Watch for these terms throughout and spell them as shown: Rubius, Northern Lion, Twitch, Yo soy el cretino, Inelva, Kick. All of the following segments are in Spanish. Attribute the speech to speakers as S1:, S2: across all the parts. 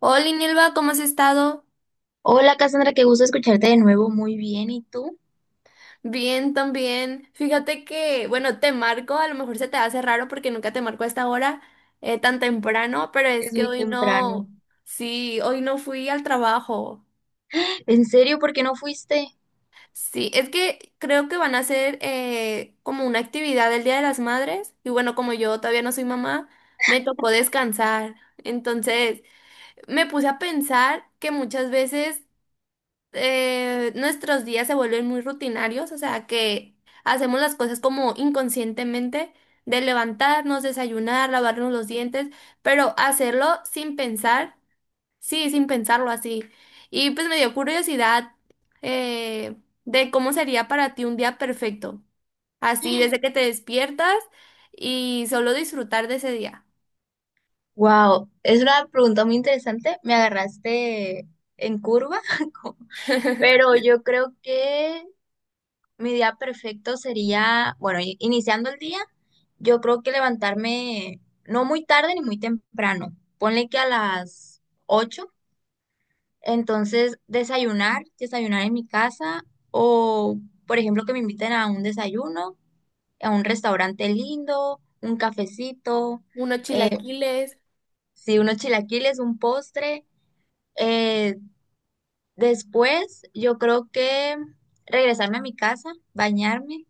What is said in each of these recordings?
S1: Hola, Inelva, ¿cómo has estado?
S2: Hola Cassandra, qué gusto escucharte de nuevo. Muy bien, ¿y tú?
S1: Bien, también. Fíjate que, bueno, te marco, a lo mejor se te hace raro porque nunca te marco a esta hora tan temprano, pero es
S2: Es
S1: que
S2: muy
S1: hoy
S2: temprano.
S1: no, sí, hoy no fui al trabajo.
S2: ¿En serio? ¿Por qué no fuiste?
S1: Sí, es que creo que van a hacer como una actividad el Día de las Madres y bueno, como yo todavía no soy mamá, me tocó descansar. Entonces, me puse a pensar que muchas veces nuestros días se vuelven muy rutinarios, o sea que hacemos las cosas como inconscientemente, de levantarnos, desayunar, lavarnos los dientes, pero hacerlo sin pensar, sí, sin pensarlo así. Y pues me dio curiosidad eh, de cómo sería para ti un día perfecto, así desde que te despiertas y solo disfrutar de ese día.
S2: Wow, es una pregunta muy interesante. Me agarraste en curva, como- pero yo creo que mi día perfecto sería, bueno, iniciando el día, yo creo que levantarme no muy tarde ni muy temprano. Ponle que a las 8:00, entonces desayunar en mi casa o, por ejemplo, que me inviten a un desayuno a un restaurante lindo, un cafecito,
S1: Unos chilaquiles,
S2: si unos chilaquiles, un postre. Eh, Después, yo creo que regresarme a mi casa, bañarme,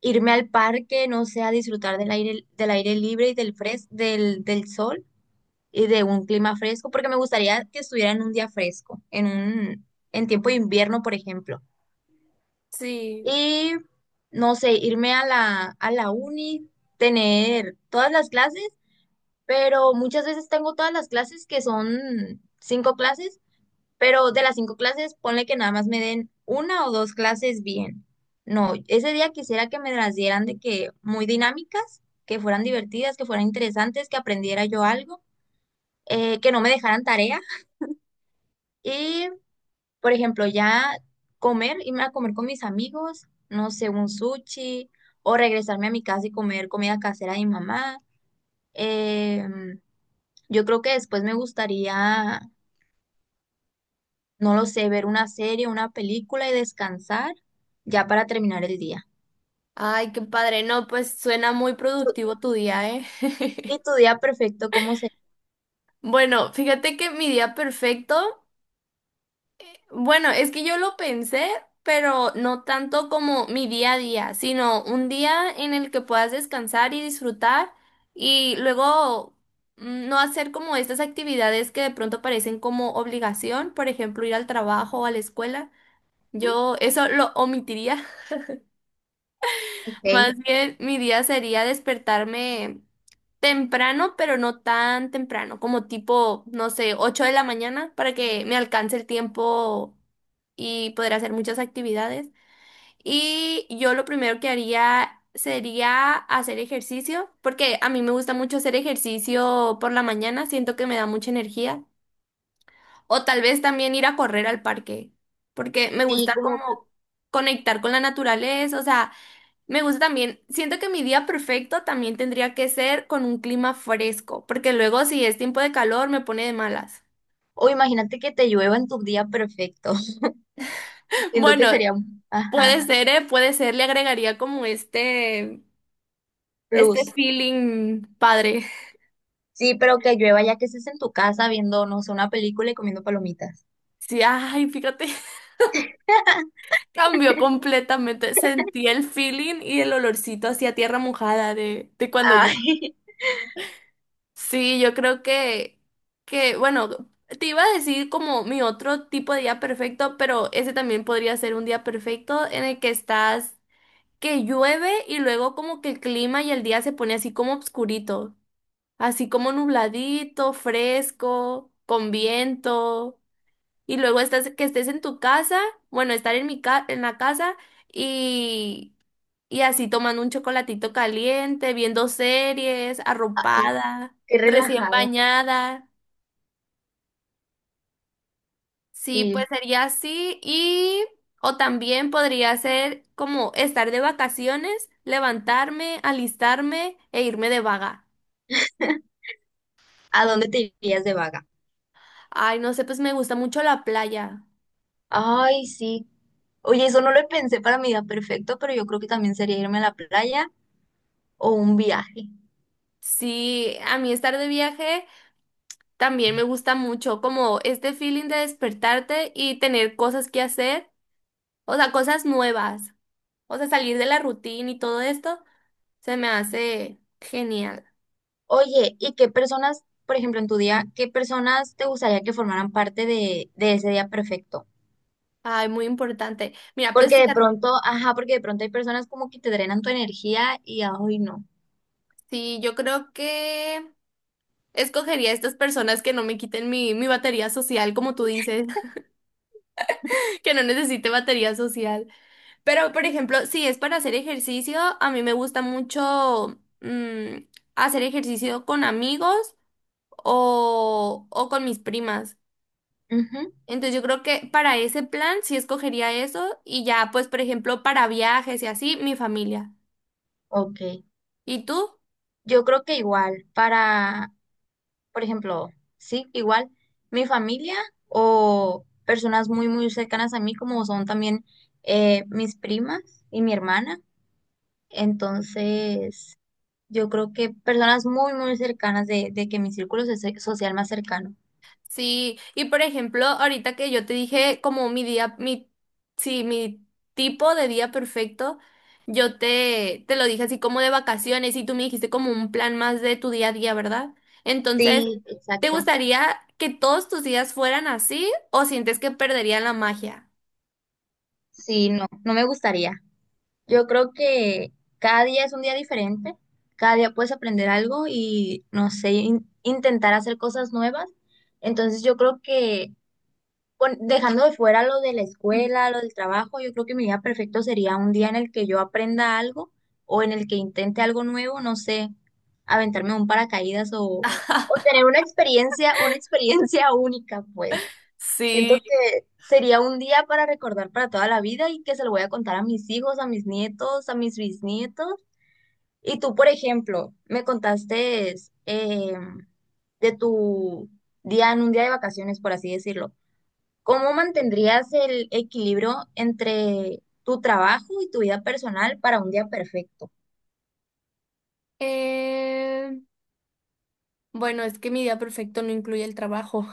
S2: irme al parque, no sé, a disfrutar del aire libre y del sol y de un clima fresco, porque me gustaría que estuviera en un día fresco, en tiempo de invierno, por ejemplo.
S1: sí.
S2: Y no sé, irme a la uni, tener todas las clases, pero muchas veces tengo todas las clases que son cinco clases, pero de las cinco clases ponle que nada más me den una o dos clases bien. No, ese día quisiera que me las dieran de que muy dinámicas, que fueran divertidas, que fueran interesantes, que aprendiera yo algo, que no me dejaran tarea. Y, por ejemplo, ya comer, irme a comer con mis amigos, no sé, un sushi, o regresarme a mi casa y comer comida casera de mi mamá. Em, yo creo que después me gustaría, no lo sé, ver una serie, una película y descansar ya para terminar el día.
S1: Ay, qué padre, no, pues suena muy
S2: Tu-
S1: productivo tu día, ¿eh?
S2: ¿Y tu día perfecto cómo se...
S1: Bueno, fíjate que mi día perfecto, bueno, es que yo lo pensé, pero no tanto como mi día a día, sino un día en el que puedas descansar y disfrutar y luego no hacer como estas actividades que de pronto parecen como obligación, por ejemplo, ir al trabajo o a la escuela.
S2: Mm,
S1: Yo eso lo omitiría.
S2: ok,
S1: Más bien, mi día sería despertarme temprano, pero no tan temprano, como tipo, no sé, 8 de la mañana, para que me alcance el tiempo y poder hacer muchas actividades. Y yo lo primero que haría sería hacer ejercicio, porque a mí me gusta mucho hacer ejercicio por la mañana, siento que me da mucha energía. O tal vez también ir a correr al parque, porque me
S2: sí,
S1: gusta
S2: como...
S1: como conectar con la naturaleza, o sea... Me gusta también. Siento que mi día perfecto también tendría que ser con un clima fresco, porque luego si es tiempo de calor me pone de malas.
S2: O imagínate que te llueva en tu día perfecto. Siento
S1: Bueno,
S2: que sería un... Ajá,
S1: puede ser, ¿eh? Puede ser, le agregaría como este
S2: plus.
S1: feeling padre.
S2: Sí, pero que llueva ya que estés en tu casa viendo, no sé, una película y comiendo palomitas.
S1: Sí, ay, fíjate, cambió completamente. Sentí el feeling y el olorcito hacia tierra mojada de cuando...
S2: Ay,
S1: Sí, yo creo que, bueno, te iba a decir como mi otro tipo de día perfecto, pero ese también podría ser un día perfecto en el que estás, que llueve y luego como que el clima y el día se pone así como obscurito, así como nubladito, fresco, con viento, y luego estás, que estés en tu casa, bueno, estar en mi en la casa y y así tomando un chocolatito caliente, viendo series,
S2: ay,
S1: arropada,
S2: qué
S1: recién
S2: relajado.
S1: bañada. Sí,
S2: Sí.
S1: pues sería así. Y, o también podría ser como estar de vacaciones, levantarme, alistarme e irme de vaga.
S2: ¿A dónde te irías de vaga?
S1: Ay, no sé, pues me gusta mucho la playa.
S2: Ay, sí. Oye, eso no lo pensé para mi día perfecto, pero yo creo que también sería irme a la playa o un viaje.
S1: Sí, a mí estar de viaje también me gusta mucho, como este feeling de despertarte y tener cosas que hacer, o sea, cosas nuevas, o sea, salir de la rutina y todo esto. Se me hace genial.
S2: Oye, ¿y qué personas, por ejemplo, en tu día, qué personas te gustaría que formaran parte de ese día perfecto?
S1: Ay, muy importante. Mira, pues
S2: Porque de
S1: fíjate,
S2: pronto, ajá, porque de pronto hay personas como que te drenan tu energía y ah, hoy no.
S1: sí, yo creo que escogería a estas personas que no me quiten mi batería social, como tú dices, que no necesite batería social. Pero, por ejemplo, si es para hacer ejercicio, a mí me gusta mucho hacer ejercicio con amigos o con mis primas.
S2: Ujú,
S1: Entonces yo creo que para ese plan sí escogería eso y ya, pues, por ejemplo, para viajes y así, mi familia.
S2: ok.
S1: ¿Y tú?
S2: Yo creo que igual, para, por ejemplo, sí, igual, mi familia o personas muy, muy cercanas a mí, como son también mis primas y mi hermana. Entonces, yo creo que personas muy, muy cercanas de, que mi círculo social más cercano.
S1: Sí, y por ejemplo, ahorita que yo te dije como mi sí, mi tipo de día perfecto, yo te lo dije así como de vacaciones y tú me dijiste como un plan más de tu día a día, ¿verdad? Entonces,
S2: Sí,
S1: ¿te
S2: exacto.
S1: gustaría que todos tus días fueran así o sientes que perderían la magia?
S2: Sí, no, no me gustaría. Yo creo que cada día es un día diferente, cada día puedes aprender algo y, no sé, intentar hacer cosas nuevas. Entonces yo creo que dejando de fuera lo de la
S1: Mm.
S2: escuela, lo del trabajo, yo creo que mi día perfecto sería un día en el que yo aprenda algo o en el que intente algo nuevo, no sé, aventarme un paracaídas o tener una experiencia única, pues. Siento
S1: Eh,
S2: que sería un día para recordar para toda la vida y que se lo voy a contar a mis hijos, a mis nietos, a mis bisnietos. Y tú, por ejemplo, me contaste eh, de tu día en un día de vacaciones, por así decirlo. ¿Cómo mantendrías el equilibrio entre tu trabajo y tu vida personal para un día perfecto?
S1: Eh, Bueno, es que mi día perfecto no incluye el trabajo.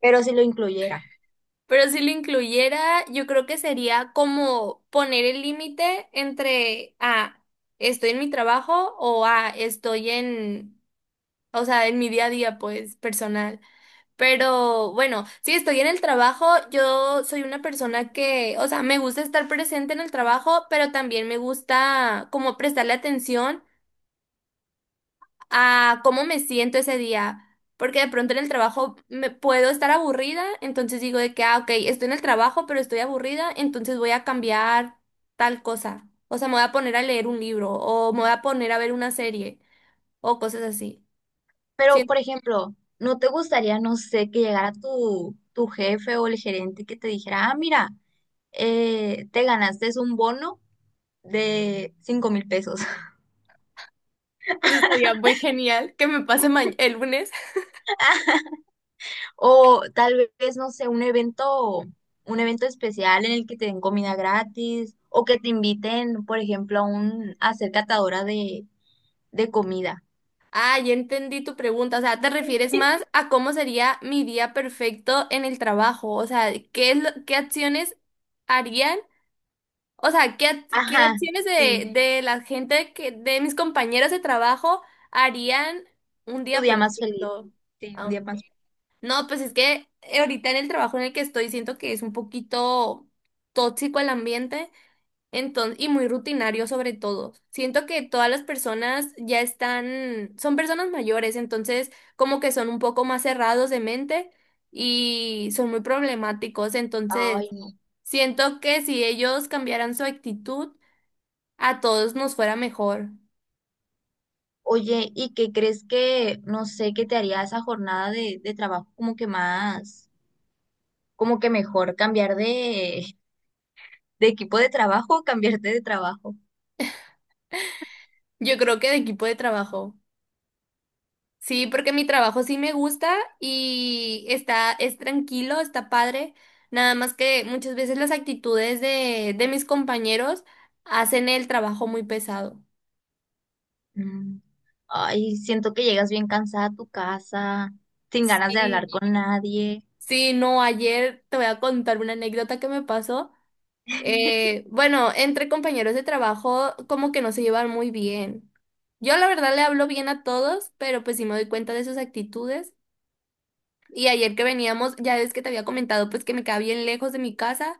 S2: Pero si lo incluyera.
S1: Pero si lo incluyera, yo creo que sería como poner el límite entre, ah, estoy en mi trabajo o, ah, estoy en, o sea, en mi día a día, pues, personal. Pero bueno, si estoy en el trabajo, yo soy una persona que, o sea, me gusta estar presente en el trabajo, pero también me gusta como prestarle atención a cómo me siento ese día. Porque de pronto en el trabajo me puedo estar aburrida, entonces digo de que, ah, ok, estoy en el trabajo, pero estoy aburrida, entonces voy a cambiar tal cosa. O sea, me voy a poner a leer un libro, o me voy a poner a ver una serie, o cosas así.
S2: Pero,
S1: Siento
S2: por ejemplo, ¿no te gustaría, no sé, que llegara tu jefe o el gerente que te dijera, ah, mira, te ganaste un bono de $5,000?
S1: pues, estaría muy genial que me pase ma- el lunes.
S2: O tal vez, no sé, un evento especial en el que te den comida gratis o que te inviten, por ejemplo, a ser catadora de comida.
S1: Ah, ya entendí tu pregunta. O sea, te refieres más a cómo sería mi día perfecto en el trabajo. O sea, ¿qué es lo- qué acciones harían? O sea, ¿ qué
S2: Ajá,
S1: acciones
S2: sí,
S1: de la gente que, de mis compañeros de trabajo harían un
S2: tu
S1: día
S2: día más feliz.
S1: perfecto?
S2: Sí, un
S1: Ah,
S2: día más feliz.
S1: no, pues es que ahorita en el trabajo en el que estoy siento que es un poquito tóxico el ambiente, entonces, y muy rutinario sobre todo. Siento que todas las personas ya están, son personas mayores, entonces como que son un poco más cerrados de mente y son muy problemáticos, entonces
S2: Ay, no.
S1: siento que si ellos cambiaran su actitud a todos nos fuera mejor.
S2: Oye, ¿y qué crees que, no sé, qué te haría esa jornada de trabajo como que más, como que mejor cambiar de, equipo de trabajo o cambiarte de trabajo?
S1: Yo creo que de equipo de trabajo. Sí, porque mi trabajo sí me gusta y está, es tranquilo, está padre. Nada más que muchas veces las actitudes de mis compañeros hacen el trabajo muy pesado.
S2: Mm. Ay, siento que llegas bien cansada a tu casa, sin ganas de
S1: Sí,
S2: hablar con nadie,
S1: sí, no, ayer te voy a contar una anécdota que me pasó. Bueno, entre compañeros de trabajo como que no se llevan muy bien. Yo la verdad le hablo bien a todos, pero pues sí me doy cuenta de sus actitudes. Y ayer que veníamos, ya ves que te había comentado, pues que me queda bien lejos de mi casa,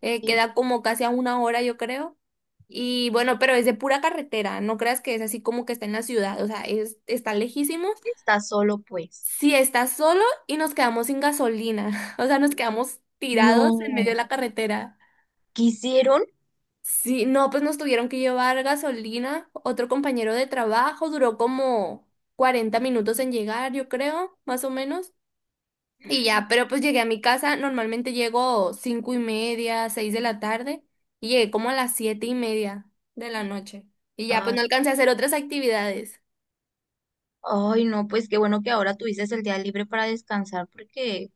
S2: y
S1: queda como casi a una hora, yo creo. Y bueno, pero es de pura carretera, no creas que es así como que está en la ciudad, o sea, es, está lejísimos.
S2: estás solo, pues.
S1: Si estás solo y nos quedamos sin gasolina, o sea, nos quedamos tirados en medio de
S2: No,
S1: la carretera.
S2: quisieron.
S1: Sí, no, pues nos tuvieron que llevar gasolina. Otro compañero de trabajo duró como 40 minutos en llegar, yo creo, más o menos. Y ya, pero pues llegué a mi casa, normalmente llego 5:30, seis de la tarde, y llegué como a las 7:30 de la noche. Y ya, pues
S2: Ah,
S1: no alcancé a hacer otras actividades.
S2: ay, no, pues qué bueno que ahora tuviste el día libre para descansar, porque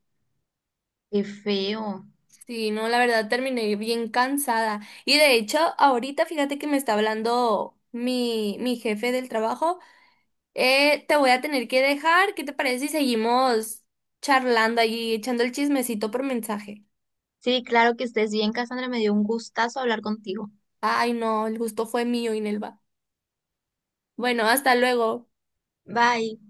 S2: qué feo.
S1: Sí, no, la verdad terminé bien cansada. Y de hecho, ahorita fíjate que me está hablando mi jefe del trabajo. Te voy a tener que dejar. ¿Qué te parece si seguimos charlando allí, echando el chismecito por mensaje?
S2: Sí, claro, que estés bien, Cassandra. Me dio un gustazo hablar contigo.
S1: Ay, no, el gusto fue mío, Inelva. Bueno, hasta luego.
S2: Bye.